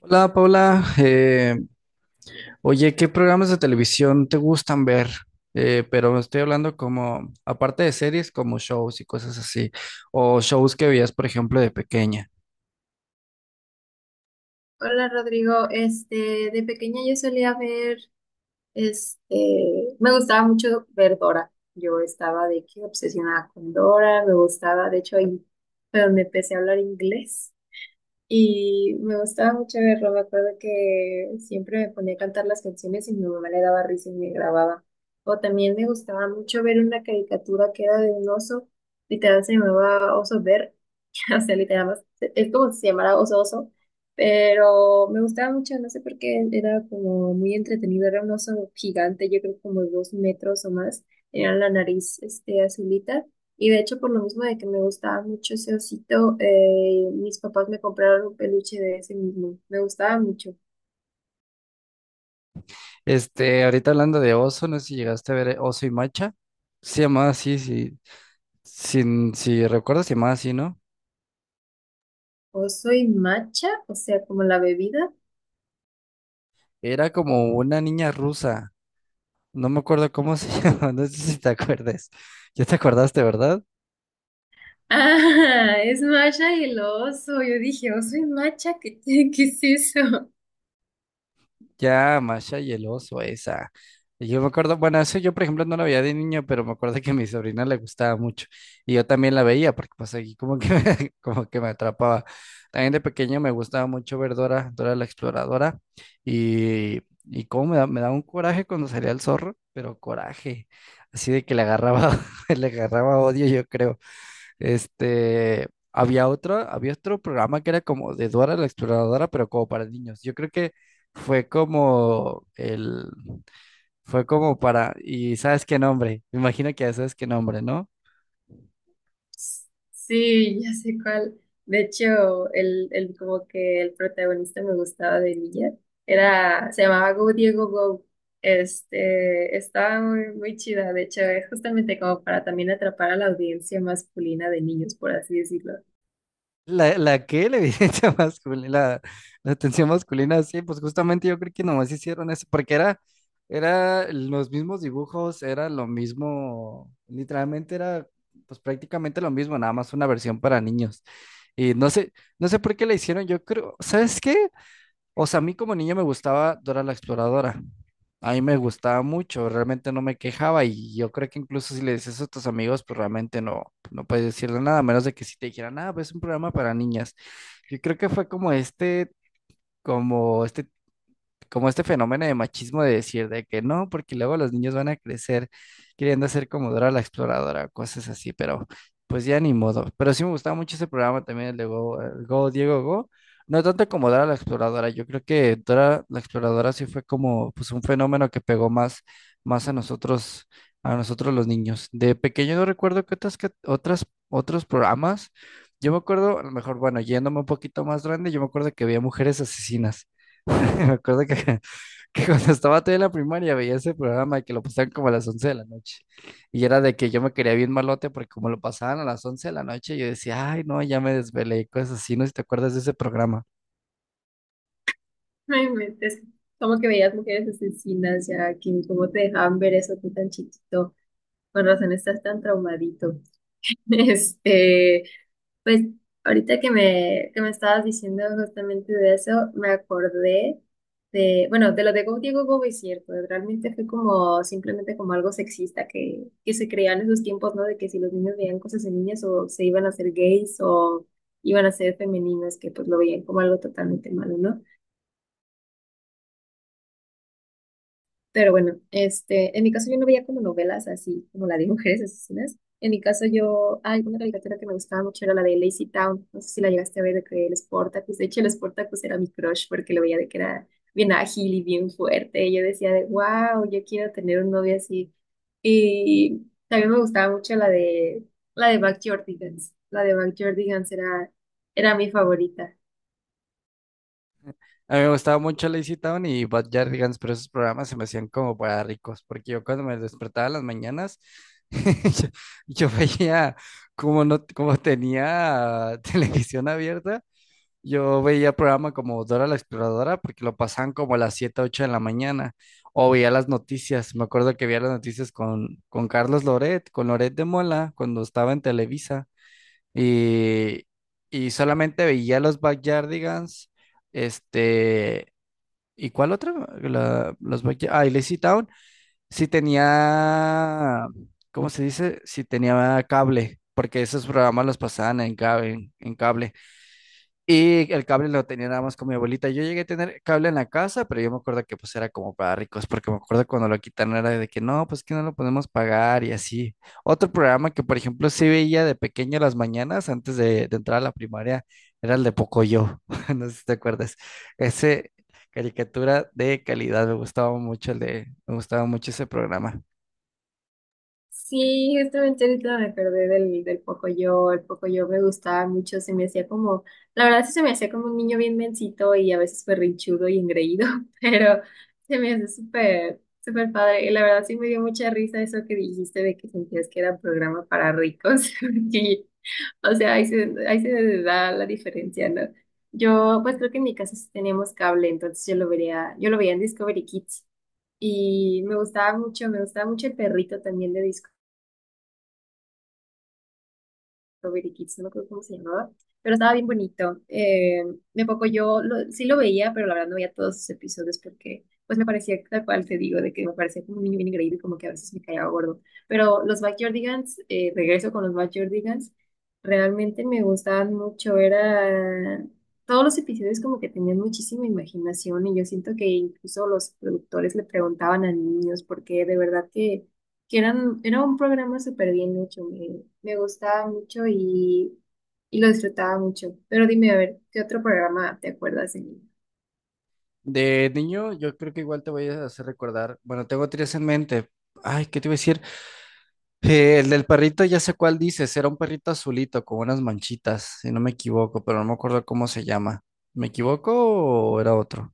Hola Paula, oye, ¿qué programas de televisión te gustan ver? Pero estoy hablando como, aparte de series, como shows y cosas así, o shows que veías, por ejemplo, de pequeña. Hola Rodrigo, de pequeña yo solía me gustaba mucho ver Dora. Yo estaba de que obsesionada con Dora, me gustaba, de hecho ahí fue donde empecé a hablar inglés y me gustaba mucho verlo. Me acuerdo que siempre me ponía a cantar las canciones y mi mamá le daba risa y me grababa. O también me gustaba mucho ver una caricatura que era de un oso, literal se llamaba Oso Bear. O sea, literal. Es como si se llamara oso oso, pero me gustaba mucho, no sé por qué, era como muy entretenido, era un oso gigante, yo creo como de 2 metros o más, era la nariz azulita, y de hecho por lo mismo de que me gustaba mucho ese osito, mis papás me compraron un peluche de ese mismo, me gustaba mucho. Ahorita hablando de Oso, no sé si llegaste a ver Oso y Macha. Se llamaba así, sí, sin, si recuerdas, se llamaba así, ¿no? Oso y macha, o sea, como la bebida. Era como una niña rusa, no me acuerdo cómo se llamaba, no sé si te acuerdas. Ya te acordaste, ¿verdad? Ah, es macha y el oso, yo dije, oso y macha, ¿qué es eso? Ya, Masha y el oso, esa. Y yo me acuerdo, bueno, eso yo por ejemplo no la veía de niño, pero me acuerdo que a mi sobrina le gustaba mucho, y yo también la veía porque pues aquí como que me, como que me atrapaba. También de pequeño me gustaba mucho ver Dora, Dora la Exploradora, y cómo me daba un coraje cuando salía el zorro, pero coraje, así de que le agarraba, le agarraba odio yo creo. Había otro programa que era como de Dora la Exploradora, pero como para niños. Yo creo que fue como el, fue como para, y sabes qué nombre, me imagino que ya sabes qué nombre, ¿no? Sí, ya sé cuál. De hecho, el como que el protagonista me gustaba de niña. Se llamaba Go Diego Go. Estaba muy chida. De hecho, es justamente como para también atrapar a la audiencia masculina de niños, por así decirlo. La que la evidencia masculina, la atención masculina, sí, pues justamente yo creo que nomás hicieron eso, porque era los mismos dibujos, era lo mismo, literalmente era pues prácticamente lo mismo, nada más una versión para niños. Y no sé por qué la hicieron, yo creo, ¿sabes qué? O sea, a mí como niño me gustaba Dora la Exploradora. A mí me gustaba mucho, realmente no me quejaba, y yo creo que incluso si le dices eso a tus amigos, pues realmente no puedes decirle nada, a menos de que si te dijeran, ah, pues es un programa para niñas. Yo creo que fue como este como este fenómeno de machismo de decir de que no, porque luego los niños van a crecer queriendo ser como Dora la Exploradora, cosas así, pero pues ya ni modo. Pero sí me gustaba mucho ese programa también, el de Go, Diego Go. No tanto como Dora la Exploradora, yo creo que Dora la Exploradora sí fue como pues un fenómeno que pegó más a nosotros los niños. De pequeño no recuerdo otros programas. Yo me acuerdo, a lo mejor, bueno, yéndome un poquito más grande, yo me acuerdo que había mujeres asesinas. Me acuerdo que, que cuando estaba todavía en la primaria veía ese programa que lo pasaban como a las 11 de la noche. Y era de que yo me quería bien malote porque como lo pasaban a las 11 de la noche, yo decía, ay, no, ya me desvelé, cosas así, no sé si te acuerdas de ese programa. No inventes, como que veías mujeres asesinas ya, que cómo te dejaban ver eso tú tan chiquito. Con razón estás tan traumadito. Este, pues ahorita que me estabas diciendo justamente de eso, me acordé de, bueno, de lo de Go Diego Go es cierto, realmente fue como simplemente como algo sexista que se creía en esos tiempos, ¿no? De que si los niños veían cosas en niñas o se iban a ser gays o iban a ser femeninas, que pues lo veían como algo totalmente malo, ¿no? Pero bueno, en mi caso yo no veía como novelas así como la de mujeres asesinas. En mi caso yo, hay una caricatura que me gustaba mucho era la de Lazy Town. No sé si la llegaste a ver de que el Spartacus. De hecho, el Spartacus era mi crush porque lo veía de que era bien ágil y bien fuerte. Y yo decía de, wow, yo quiero tener un novio así. Y también me gustaba mucho la de Backyardigans. La de Backyardigans era mi favorita. A mí me gustaba mucho Lazy Town y Bad Yardigans, pero esos programas se me hacían como para ricos, porque yo cuando me despertaba en las mañanas, yo, yo veía como no, como tenía televisión abierta. Yo veía programa como Dora la Exploradora porque lo pasaban como a las 7 u 8 de la mañana. O veía las noticias. Me acuerdo que veía las noticias con Carlos Loret, con Loret de Mola, cuando estaba en Televisa. Y, y solamente veía los Backyardigans. Este. ¿Y cuál otra? Ah, y Lazy Town. Sí tenía. ¿Cómo se dice? Sí tenía cable. Porque esos programas los pasaban en cable. Y el cable lo tenía nada más con mi abuelita. Yo llegué a tener cable en la casa, pero yo me acuerdo que pues era como para ricos, porque me acuerdo cuando lo quitaron era de que no, pues que no lo podemos pagar y así. Otro programa que por ejemplo sí veía de pequeño las mañanas antes de entrar a la primaria era el de Pocoyo, no sé si te acuerdas. Ese caricatura de calidad, me gustaba mucho me gustaba mucho ese programa. Sí, justamente ahorita me acordé del Pocoyo. El Pocoyo me gustaba mucho, se me hacía, la verdad sí se me hacía como un niño bien mencito y a veces berrinchudo y engreído, pero se me hace súper padre. Y la verdad sí me dio mucha risa eso que dijiste de que sentías que era un programa para ricos, porque, o sea, ahí se da la diferencia, ¿no? Yo, pues creo que en mi casa sí teníamos cable, entonces yo lo vería, yo lo veía en Discovery Kids. Y me gustaba mucho el perrito también de Strawberry Kids, no me acuerdo cómo se llamaba, pero estaba bien bonito. De poco yo sí lo veía, pero la verdad no veía todos sus episodios porque pues me parecía tal cual te digo, de que me parecía como un niño bien increíble, y como que a veces me caía gordo. Pero los Backyardigans, regreso con los Backyardigans, realmente me gustaban mucho, era... Todos los episodios como que tenían muchísima imaginación y yo siento que incluso los productores le preguntaban a niños porque de verdad que eran, era un programa súper bien hecho, me gustaba mucho y lo disfrutaba mucho. Pero dime, a ver, ¿qué otro programa te acuerdas? En- De niño, yo creo que igual te voy a hacer recordar, bueno, tengo tres en mente. Ay, ¿qué te iba a decir? El del perrito, ya sé cuál dices, era un perrito azulito con unas manchitas, si no me equivoco, pero no me acuerdo cómo se llama. ¿Me equivoco o era otro?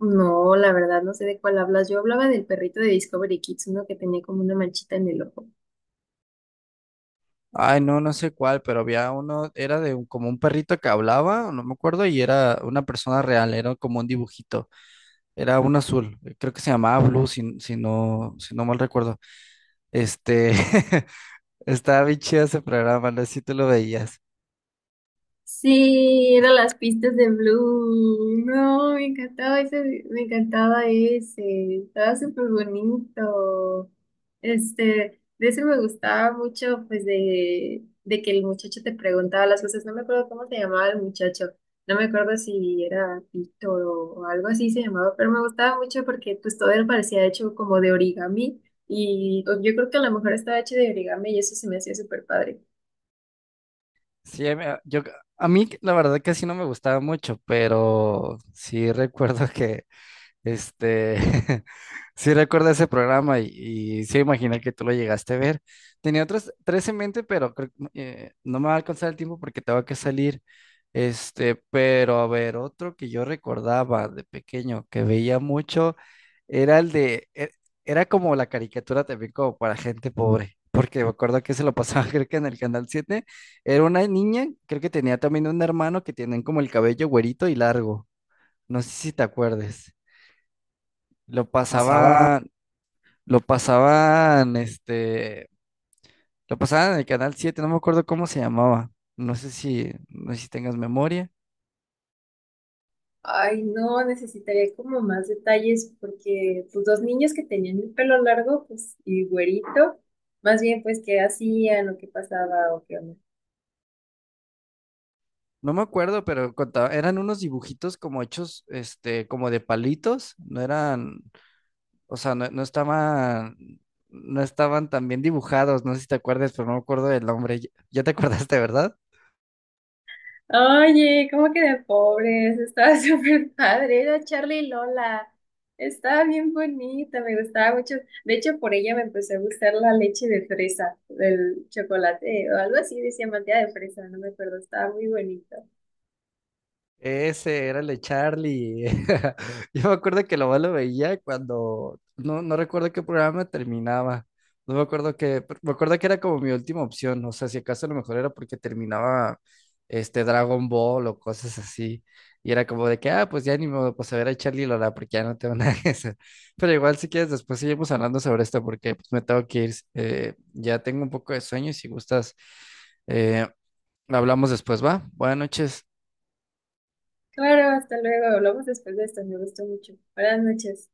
No, la verdad, no sé de cuál hablas. Yo hablaba del perrito de Discovery Kids, uno que tenía como una manchita en el ojo. Ay, no, no sé cuál, pero había uno, era de como un perrito que hablaba, no me acuerdo, y era una persona real, era como un dibujito, era un azul, creo que se llamaba Blue, si no mal recuerdo. Este, Estaba bien chido ese programa, no sé si tú lo veías. Sí, eran las pistas de Blue. No, me encantaba ese, me encantaba ese. Estaba súper bonito. De ese me gustaba mucho, pues, de que el muchacho te preguntaba las cosas. No me acuerdo cómo se llamaba el muchacho. No me acuerdo si era Víctor o algo así se llamaba, pero me gustaba mucho porque pues todo él parecía hecho como de origami. Y pues, yo creo que a lo mejor estaba hecho de origami y eso se me hacía súper padre. Sí, a mí la verdad que sí no me gustaba mucho, pero sí recuerdo que este, sí recuerdo ese programa, y sí imaginé que tú lo llegaste a ver. Tenía otros tres en mente, pero creo que, no me va a alcanzar el tiempo porque tengo que salir. Pero a ver, otro que yo recordaba de pequeño que veía mucho era era como la caricatura también como para gente pobre, porque me acuerdo que se lo pasaba creo que en el Canal 7. Era una niña, creo que tenía también un hermano que tienen como el cabello güerito y largo, no sé si te acuerdes. Lo Pasaba. pasaban, lo pasaban, este, lo pasaban en el canal 7, no me acuerdo cómo se llamaba. No sé si tengas memoria. Ay, no, necesitaría como más detalles porque pues dos niños que tenían el pelo largo, pues y güerito, más bien pues qué hacían o qué pasaba o qué onda. No me acuerdo, pero eran unos dibujitos como hechos, como de palitos. No eran, o sea, no estaban tan bien dibujados. No sé si te acuerdas, pero no me acuerdo del nombre. Ya te acordaste, ¿verdad? Oye, ¿cómo que de pobres? Estaba súper padre, era Charlie y Lola. Estaba bien bonita, me gustaba mucho. De hecho, por ella me empezó a gustar la leche de fresa, del chocolate o algo así, decía manteca de fresa, no me acuerdo, estaba muy bonito. Ese era el de Charlie. Yo me acuerdo que lo más lo veía cuando no recuerdo qué programa terminaba. No me acuerdo que, Me acuerdo que era como mi última opción. O sea, si acaso a lo mejor era porque terminaba Dragon Ball o cosas así. Y era como de que, ah, pues ya ni modo, pues a ver a Charlie y Lola, porque ya no tengo nada que hacer. Pero igual, si quieres, después seguimos hablando sobre esto, porque pues, me tengo que ir. Ya tengo un poco de sueño, y si gustas, eh, hablamos después, ¿va? Buenas noches. Claro, hasta luego, hablamos después de esto, me gustó mucho. Buenas noches.